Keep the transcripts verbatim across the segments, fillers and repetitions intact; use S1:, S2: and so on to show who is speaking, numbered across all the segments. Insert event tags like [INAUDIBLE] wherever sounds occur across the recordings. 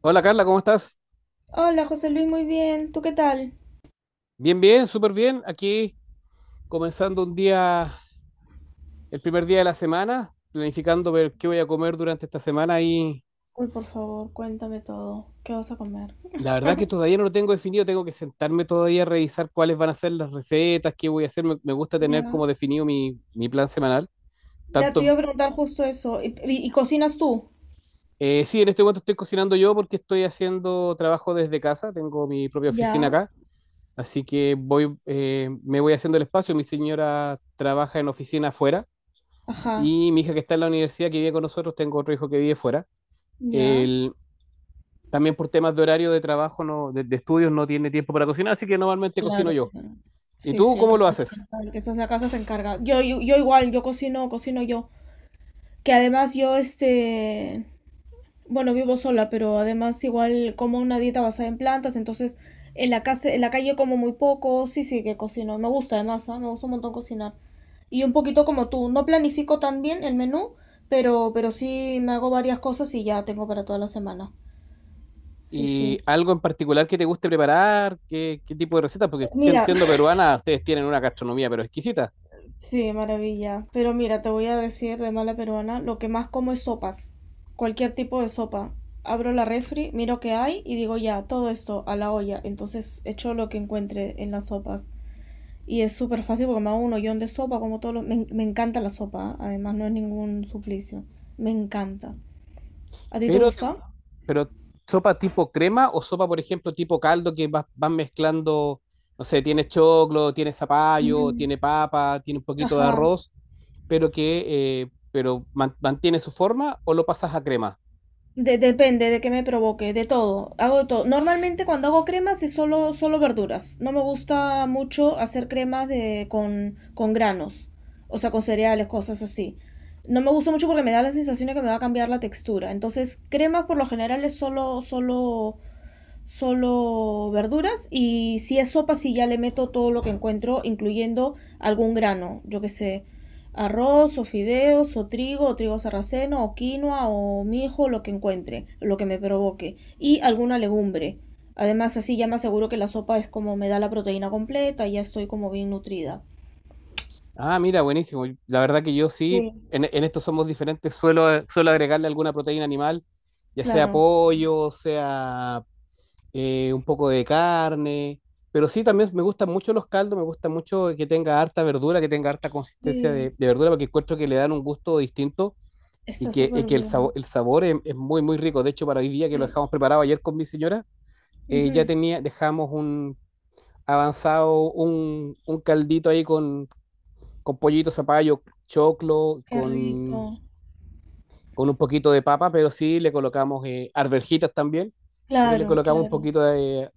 S1: Hola Carla, ¿cómo estás?
S2: Hola, José Luis, muy bien. ¿Tú qué tal?
S1: Bien, bien, súper bien. Aquí comenzando un día, el primer día de la semana, planificando ver qué voy a comer durante esta semana y
S2: Uy, por favor, cuéntame todo. ¿Qué vas a comer?
S1: la verdad que todavía no lo tengo definido, tengo que sentarme todavía a revisar cuáles van a ser las recetas, qué voy a hacer. Me, me gusta tener
S2: Ya.
S1: como definido mi, mi plan semanal.
S2: Ya te iba
S1: Tanto,
S2: a preguntar justo eso. ¿Y, y- y cocinas tú?
S1: eh, sí, en este momento estoy cocinando yo porque estoy haciendo trabajo desde casa, tengo mi propia oficina
S2: Ya.
S1: acá, así que voy, eh, me voy haciendo el espacio. Mi señora trabaja en oficina afuera.
S2: Ajá.
S1: Y mi hija que está en la universidad, que vive con nosotros, tengo otro hijo que vive fuera.
S2: Ya.
S1: Él, también por temas de horario de trabajo, no, de, de estudios, no tiene tiempo para cocinar, así que normalmente cocino
S2: Claro,
S1: yo.
S2: claro.
S1: ¿Y
S2: Sí,
S1: tú
S2: sí, el que
S1: cómo lo
S2: está en la
S1: haces?
S2: casa, el que está en la casa se encarga. Yo, yo, yo igual, yo cocino, cocino yo. Que además yo, este, bueno, vivo sola, pero además igual como una dieta basada en plantas, entonces en la casa, en la calle como muy poco. Sí, sí, que cocino. Me gusta además, ¿ah? Me gusta un montón cocinar. Y un poquito como tú, no planifico tan bien el menú, pero, pero sí me hago varias cosas y ya tengo para toda la semana. Sí,
S1: ¿Y
S2: sí.
S1: algo en particular que te guste preparar? ¿Qué, qué tipo de recetas? Porque sien-
S2: Mira,
S1: siendo
S2: [LAUGHS]
S1: peruana, ustedes tienen una gastronomía, pero exquisita.
S2: sí, maravilla. Pero mira, te voy a decir de mala peruana, lo que más como es sopas. Cualquier tipo de sopa. Abro la refri, miro qué hay y digo ya, todo esto a la olla. Entonces echo lo que encuentre en las sopas. Y es súper fácil porque me hago un hoyón de sopa, como todo lo... Me, en- me encanta la sopa, ¿ah? Además no es ningún suplicio. Me encanta. ¿A ti te
S1: Pero, te gu-
S2: gusta?
S1: pero sopa tipo crema o sopa, por ejemplo, tipo caldo que vas, vas mezclando, no sé, tiene choclo, tiene zapallo, tiene papa, tiene un poquito de
S2: Ajá,
S1: arroz pero que eh, pero man- mantiene su forma o lo pasas a crema.
S2: de- depende de qué me provoque, de todo, hago de todo. Normalmente cuando hago cremas es solo, solo verduras. No me gusta mucho hacer cremas de, con, con granos, o sea, con cereales, cosas así. No me gusta mucho porque me da la sensación de que me va a cambiar la textura. Entonces, cremas por lo general es solo, solo solo verduras y si es sopa, sí ya le meto todo lo que encuentro, incluyendo algún grano, yo que sé, arroz o fideos o trigo o trigo sarraceno o quinoa o mijo, lo que encuentre, lo que me provoque y alguna legumbre. Además, así ya me aseguro que la sopa es como me da la proteína completa y ya estoy como bien nutrida.
S1: Ah, mira, buenísimo. La verdad que yo sí,
S2: Sí,
S1: en, en esto somos diferentes, suelo, suelo agregarle alguna proteína animal, ya sea
S2: claro,
S1: pollo, sea eh, un poco de carne, pero sí también me gustan mucho los caldos, me gusta mucho que tenga harta verdura, que tenga harta consistencia
S2: sí,
S1: de, de verdura, porque encuentro que le dan un gusto distinto y
S2: está
S1: que, y
S2: súper
S1: que el,
S2: bien.
S1: sabor el sabor es, es muy, muy rico. De hecho, para hoy día que lo
S2: Sí.
S1: dejamos preparado ayer con mi señora, eh, ya
S2: Ujú.
S1: tenía, dejamos un avanzado un, un caldito ahí con, con pollito, zapallo, choclo,
S2: Qué
S1: con,
S2: rico.
S1: con un poquito de papa, pero sí le colocamos eh, arvejitas también, pero le
S2: Claro,
S1: colocamos un
S2: claro.
S1: poquito de,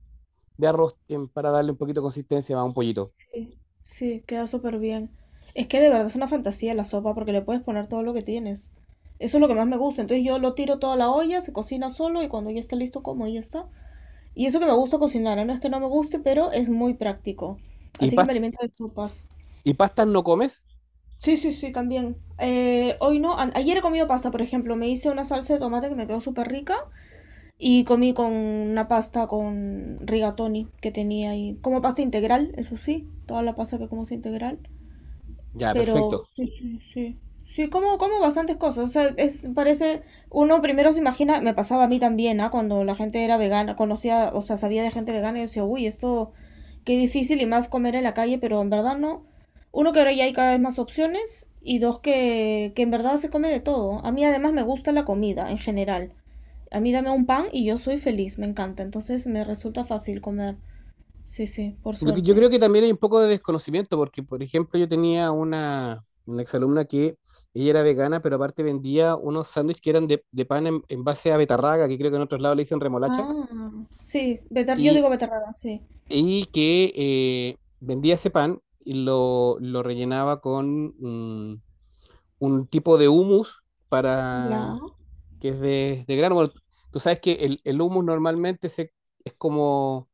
S1: de arroz eh, para darle un poquito de consistencia a un pollito.
S2: Sí, sí, queda súper bien. Es que de verdad es una fantasía la sopa porque le puedes poner todo lo que tienes. Eso es lo que más me gusta. Entonces yo lo tiro toda la olla, se cocina solo y cuando ya está listo como y ya está. Y eso que me gusta cocinar, ¿eh? No es que no me guste, pero es muy práctico.
S1: ¿Y,
S2: Así que me
S1: pas-
S2: alimento de sopas.
S1: ¿Y pastas no comes?
S2: Sí, sí, sí, también. Eh, hoy no, a- ayer he comido pasta, por ejemplo. Me hice una salsa de tomate que me quedó súper rica y comí con una pasta con rigatoni que tenía ahí. Como pasta integral, eso sí, toda la pasta que como es integral.
S1: Ya,
S2: Pero
S1: perfecto.
S2: sí, sí, sí. Sí, como, como bastantes cosas. O sea, es, parece, uno primero se imagina, me pasaba a mí también, ¿ah? Cuando la gente era vegana, conocía, o sea, sabía de gente vegana y decía, uy, esto, qué difícil y más comer en la calle, pero en verdad no. Uno, que ahora ya hay cada vez más opciones y dos, que, que en verdad se come de todo. A mí además me gusta la comida en general. A mí dame un pan y yo soy feliz, me encanta. Entonces me resulta fácil comer. Sí, sí, por
S1: Lo que, yo
S2: suerte.
S1: creo que también hay un poco de desconocimiento, porque por ejemplo yo tenía una, una exalumna que ella era vegana, pero aparte vendía unos sándwiches que eran de, de pan en, en base a betarraga, que creo que en otros lados le dicen remolacha,
S2: Ah, sí, beter, yo
S1: y
S2: digo beterraga, sí.
S1: y que eh, vendía ese pan y lo, lo rellenaba con mm, un tipo de humus
S2: Ya.
S1: para, que es de, de grano. Bueno, tú sabes que el, el humus normalmente se, es como,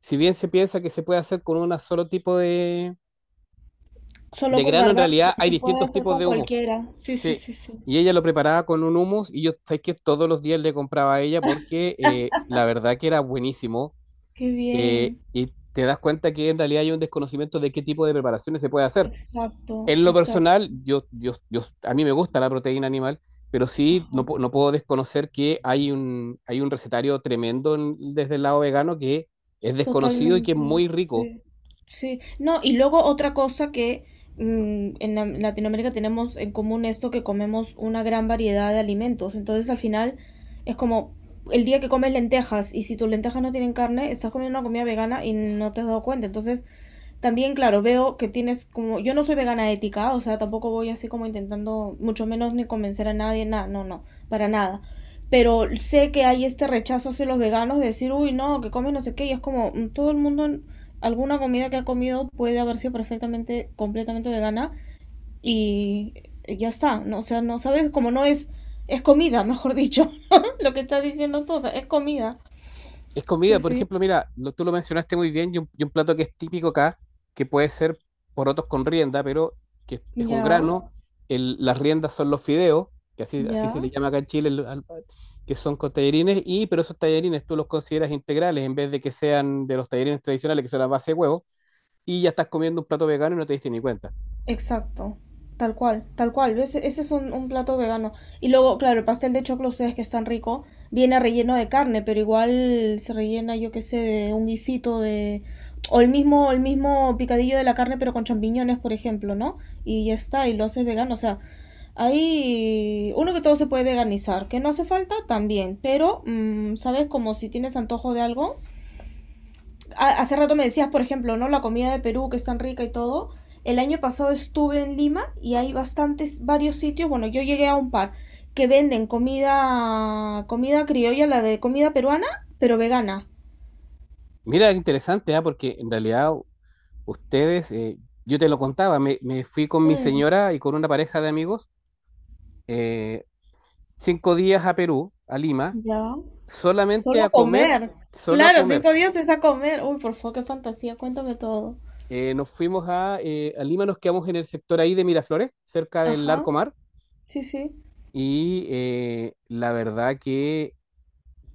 S1: si bien se piensa que se puede hacer con un solo tipo de,
S2: Solo
S1: de
S2: con
S1: grano, en
S2: garbanzo,
S1: realidad
S2: pero
S1: hay
S2: se puede
S1: distintos
S2: hacer
S1: tipos
S2: con
S1: de humus.
S2: cualquiera. Sí, sí,
S1: Sí.
S2: sí, sí.
S1: Y ella lo preparaba con un humus y yo sabes que todos los días le compraba a ella porque eh, la verdad que era buenísimo
S2: Qué
S1: eh,
S2: bien.
S1: y te das cuenta que en realidad hay un desconocimiento de qué tipo de preparaciones se puede hacer.
S2: Exacto,
S1: En lo
S2: exacto.
S1: personal, yo, yo, yo, a mí me gusta la proteína animal, pero sí no, pu-
S2: Ajá.
S1: no puedo desconocer que hay un, hay un recetario tremendo en- desde el lado vegano que es desconocido y que es
S2: Totalmente.
S1: muy rico.
S2: Sí. Sí. No, y luego otra cosa que mm, en la- en Latinoamérica tenemos en común esto que comemos una gran variedad de alimentos. Entonces al final es como el día que comes lentejas y si tus lentejas no tienen carne, estás comiendo una comida vegana y no te has dado cuenta. Entonces también, claro, veo que tienes como, yo no soy vegana ética, o sea, tampoco voy así como intentando, mucho menos ni convencer a nadie, nada, no, no, para nada. Pero sé que hay este rechazo hacia los veganos de decir, uy, no, que comen no sé qué, y es como, mm, todo el mundo, alguna comida que ha comido puede haber sido perfectamente, completamente vegana, y ya está, ¿no? O sea, no sabes, como no es, es comida, mejor dicho, [LAUGHS] lo que estás diciendo tú, o sea, es comida.
S1: Es comida,
S2: Sí,
S1: por
S2: sí,
S1: ejemplo, mira, lo- tú lo mencionaste muy bien y un, y un plato que es típico acá, que puede ser porotos con rienda, pero que es, es un
S2: ya,
S1: grano. El- las riendas son los fideos, que así, así se le
S2: ya.
S1: llama acá en Chile, el- al- que son con tallarines, y, pero esos tallarines tú los consideras integrales en vez de que sean de los tallarines tradicionales, que son a base de huevo, y ya estás comiendo un plato vegano y no te diste ni cuenta.
S2: Exacto. Tal cual, tal cual. Ese, ese es un, un plato vegano. Y luego, claro, el pastel de choclo, ustedes que están rico, viene relleno de carne, pero igual se rellena, yo qué sé, de un guisito de... O el mismo, el mismo picadillo de la carne, pero con champiñones, por ejemplo, ¿no? Y ya está, y lo haces vegano. O sea, ahí uno que todo se puede veganizar, que no hace falta también, pero, mm, ¿sabes? Como si tienes antojo de algo, hace rato me decías, por ejemplo, ¿no? La comida de Perú que es tan rica y todo. El año pasado estuve en Lima y hay bastantes, varios sitios, bueno, yo llegué a un par que venden comida, comida criolla, la de comida peruana, pero vegana.
S1: Mira, qué interesante, ¿ah? Porque en realidad ustedes, eh, yo te lo contaba, me, me fui con mi
S2: Mm,
S1: señora y con una pareja de amigos. eh, Cinco días a Perú, a Lima,
S2: ya.
S1: solamente
S2: Solo a
S1: a comer,
S2: comer.
S1: solo a
S2: Claro,
S1: comer.
S2: cinco días es a comer. Uy, por favor, qué fantasía, cuéntame todo.
S1: Eh, nos fuimos a, eh, a Lima, nos quedamos en el sector ahí de Miraflores, cerca del Larco
S2: Ajá,
S1: Mar,
S2: sí, sí.
S1: y eh, la verdad que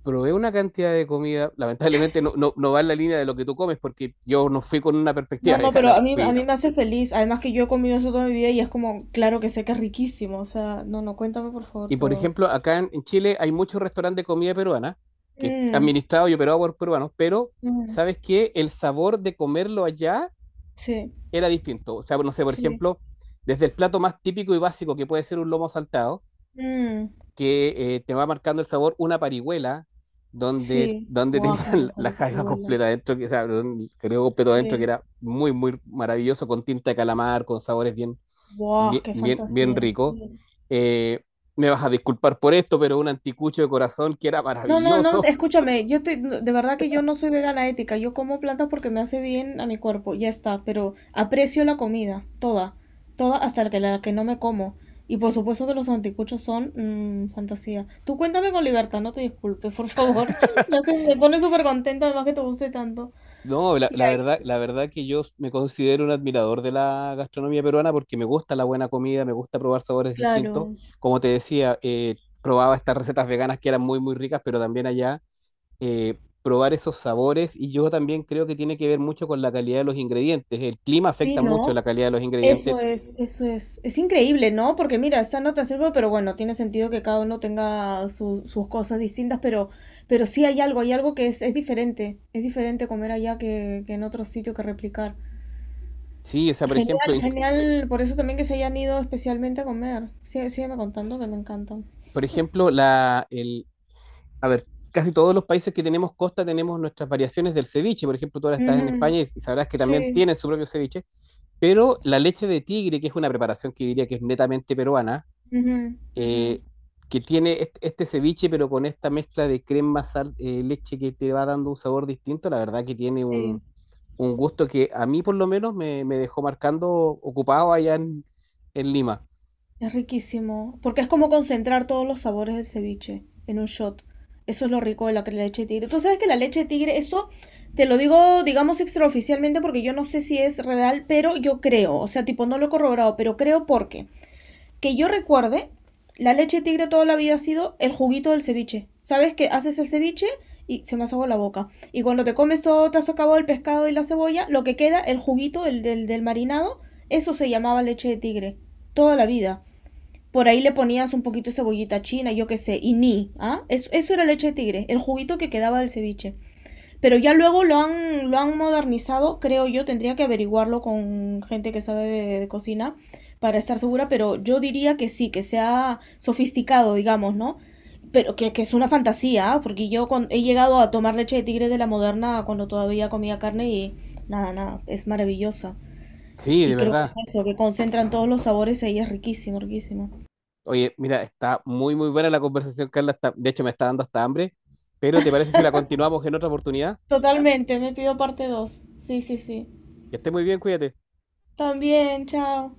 S1: probé una cantidad de comida, lamentablemente no, no, no va en la línea de lo que tú comes, porque yo no fui con una perspectiva [LAUGHS]
S2: No, no, pero
S1: vegana,
S2: a mí, a
S1: fui.
S2: mí me hace feliz. Además que yo he comido eso toda mi vida y es como, claro que sé que es riquísimo. O sea, no, no, cuéntame por favor
S1: Y por
S2: todo.
S1: ejemplo, acá en, en Chile hay muchos restaurantes de comida peruana, que es
S2: Mm.
S1: administrado y operado por peruanos, pero
S2: Mm,
S1: ¿sabes qué? El sabor de comerlo allá
S2: sí,
S1: era distinto. O sea, no sé, por
S2: sí.
S1: ejemplo, desde el plato más típico y básico que puede ser un lomo saltado,
S2: Mm,
S1: que eh, te va marcando el sabor una parihuela donde,
S2: sí.
S1: donde [LAUGHS]
S2: Buah, qué
S1: tenían
S2: rico
S1: la
S2: lo que te
S1: jaiba
S2: huele.
S1: completa adentro, que, o sea, un creo completo adentro, que
S2: Sí.
S1: era muy, muy maravilloso, con tinta de calamar, con sabores bien,
S2: Buah,
S1: bien,
S2: qué
S1: bien, bien
S2: fantasía.
S1: ricos.
S2: Sí.
S1: Eh, Me vas a disculpar por esto, pero un anticucho de corazón que era
S2: No, no, no,
S1: maravilloso.
S2: escúchame, yo te- no, de verdad que yo no soy vegana ética, yo como plantas porque me hace bien a mi cuerpo, ya está, pero aprecio la comida, toda, toda hasta la que, la que no me como. Y por supuesto que los anticuchos son mm, fantasía. Tú cuéntame con libertad, no te disculpes, por favor. [LAUGHS] Ya se me pone súper contenta, además que te guste tanto.
S1: No, la,
S2: Y
S1: la
S2: ahí,
S1: verdad, la verdad que yo me considero un admirador de la gastronomía peruana porque me gusta la buena comida, me gusta probar sabores distintos.
S2: claro.
S1: Como te decía, eh, probaba estas recetas veganas que eran muy, muy ricas, pero también allá eh, probar esos sabores y yo también creo que tiene que ver mucho con la calidad de los ingredientes. El clima
S2: Sí,
S1: afecta mucho la
S2: ¿no?
S1: calidad de los ingredientes.
S2: Eso es, eso es, es increíble, ¿no? Porque mira, esta nota sirve, pero bueno, tiene sentido que cada uno tenga su- sus cosas distintas, pero, pero sí hay algo, hay algo que es, es diferente, es diferente comer allá que, que en otro sitio que replicar.
S1: Sí, o sea, por
S2: Genial,
S1: ejemplo, inc-
S2: genial, por eso también que se hayan ido especialmente a comer. Sí, sígueme contando que me encantan.
S1: por ejemplo, la, el, a ver, casi todos los países que tenemos costa tenemos nuestras variaciones del ceviche. Por ejemplo, tú ahora estás
S2: Ujú.
S1: en España y y sabrás que también
S2: Sí,
S1: tienen su propio ceviche. Pero la leche de tigre, que es una preparación que diría que es netamente peruana,
S2: ujú, ujú,
S1: eh, que tiene est- este ceviche, pero con esta mezcla de crema, sal, eh, leche que te va dando un sabor distinto, la verdad que tiene un,
S2: sí.
S1: un gusto que a mí por lo menos me, me dejó marcando ocupado allá en, en Lima.
S2: Es riquísimo, porque es como concentrar todos los sabores del ceviche en un shot. Eso es lo rico de la leche de tigre. Tú sabes que la leche de tigre, eso te lo digo, digamos, extraoficialmente porque yo no sé si es real, pero yo creo, o sea, tipo, no lo he corroborado, pero creo porque, que yo recuerde, la leche de tigre toda la vida ha sido el juguito del ceviche. ¿Sabes que haces el ceviche y se me hace agua la boca? Y cuando te comes todo, te has acabado el pescado y la cebolla, lo que queda, el juguito el del, del marinado, eso se llamaba leche de tigre, toda la vida, por ahí le ponías un poquito de cebollita china, yo qué sé, y ni, ¿ah? eso eso era leche de tigre, el juguito que quedaba del ceviche. Pero ya luego lo han, lo han modernizado, creo yo, tendría que averiguarlo con gente que sabe de, de cocina para estar segura, pero yo diría que sí, que sea sofisticado, digamos, ¿no? Pero que, que es una fantasía, ¿ah? Porque yo con- he llegado a tomar leche de tigre de la moderna cuando todavía comía carne y nada, nada, es maravillosa.
S1: Sí, de
S2: Y creo que es
S1: verdad.
S2: eso, que concentran todos los sabores ahí, es riquísimo, riquísimo.
S1: Oye, mira, está muy, muy buena la conversación, Carla. Está- de hecho, me está dando hasta hambre. Pero ¿te parece si la continuamos en otra oportunidad?
S2: Totalmente, me pido parte dos. Sí, sí, sí.
S1: Que esté muy bien, cuídate.
S2: También, chao.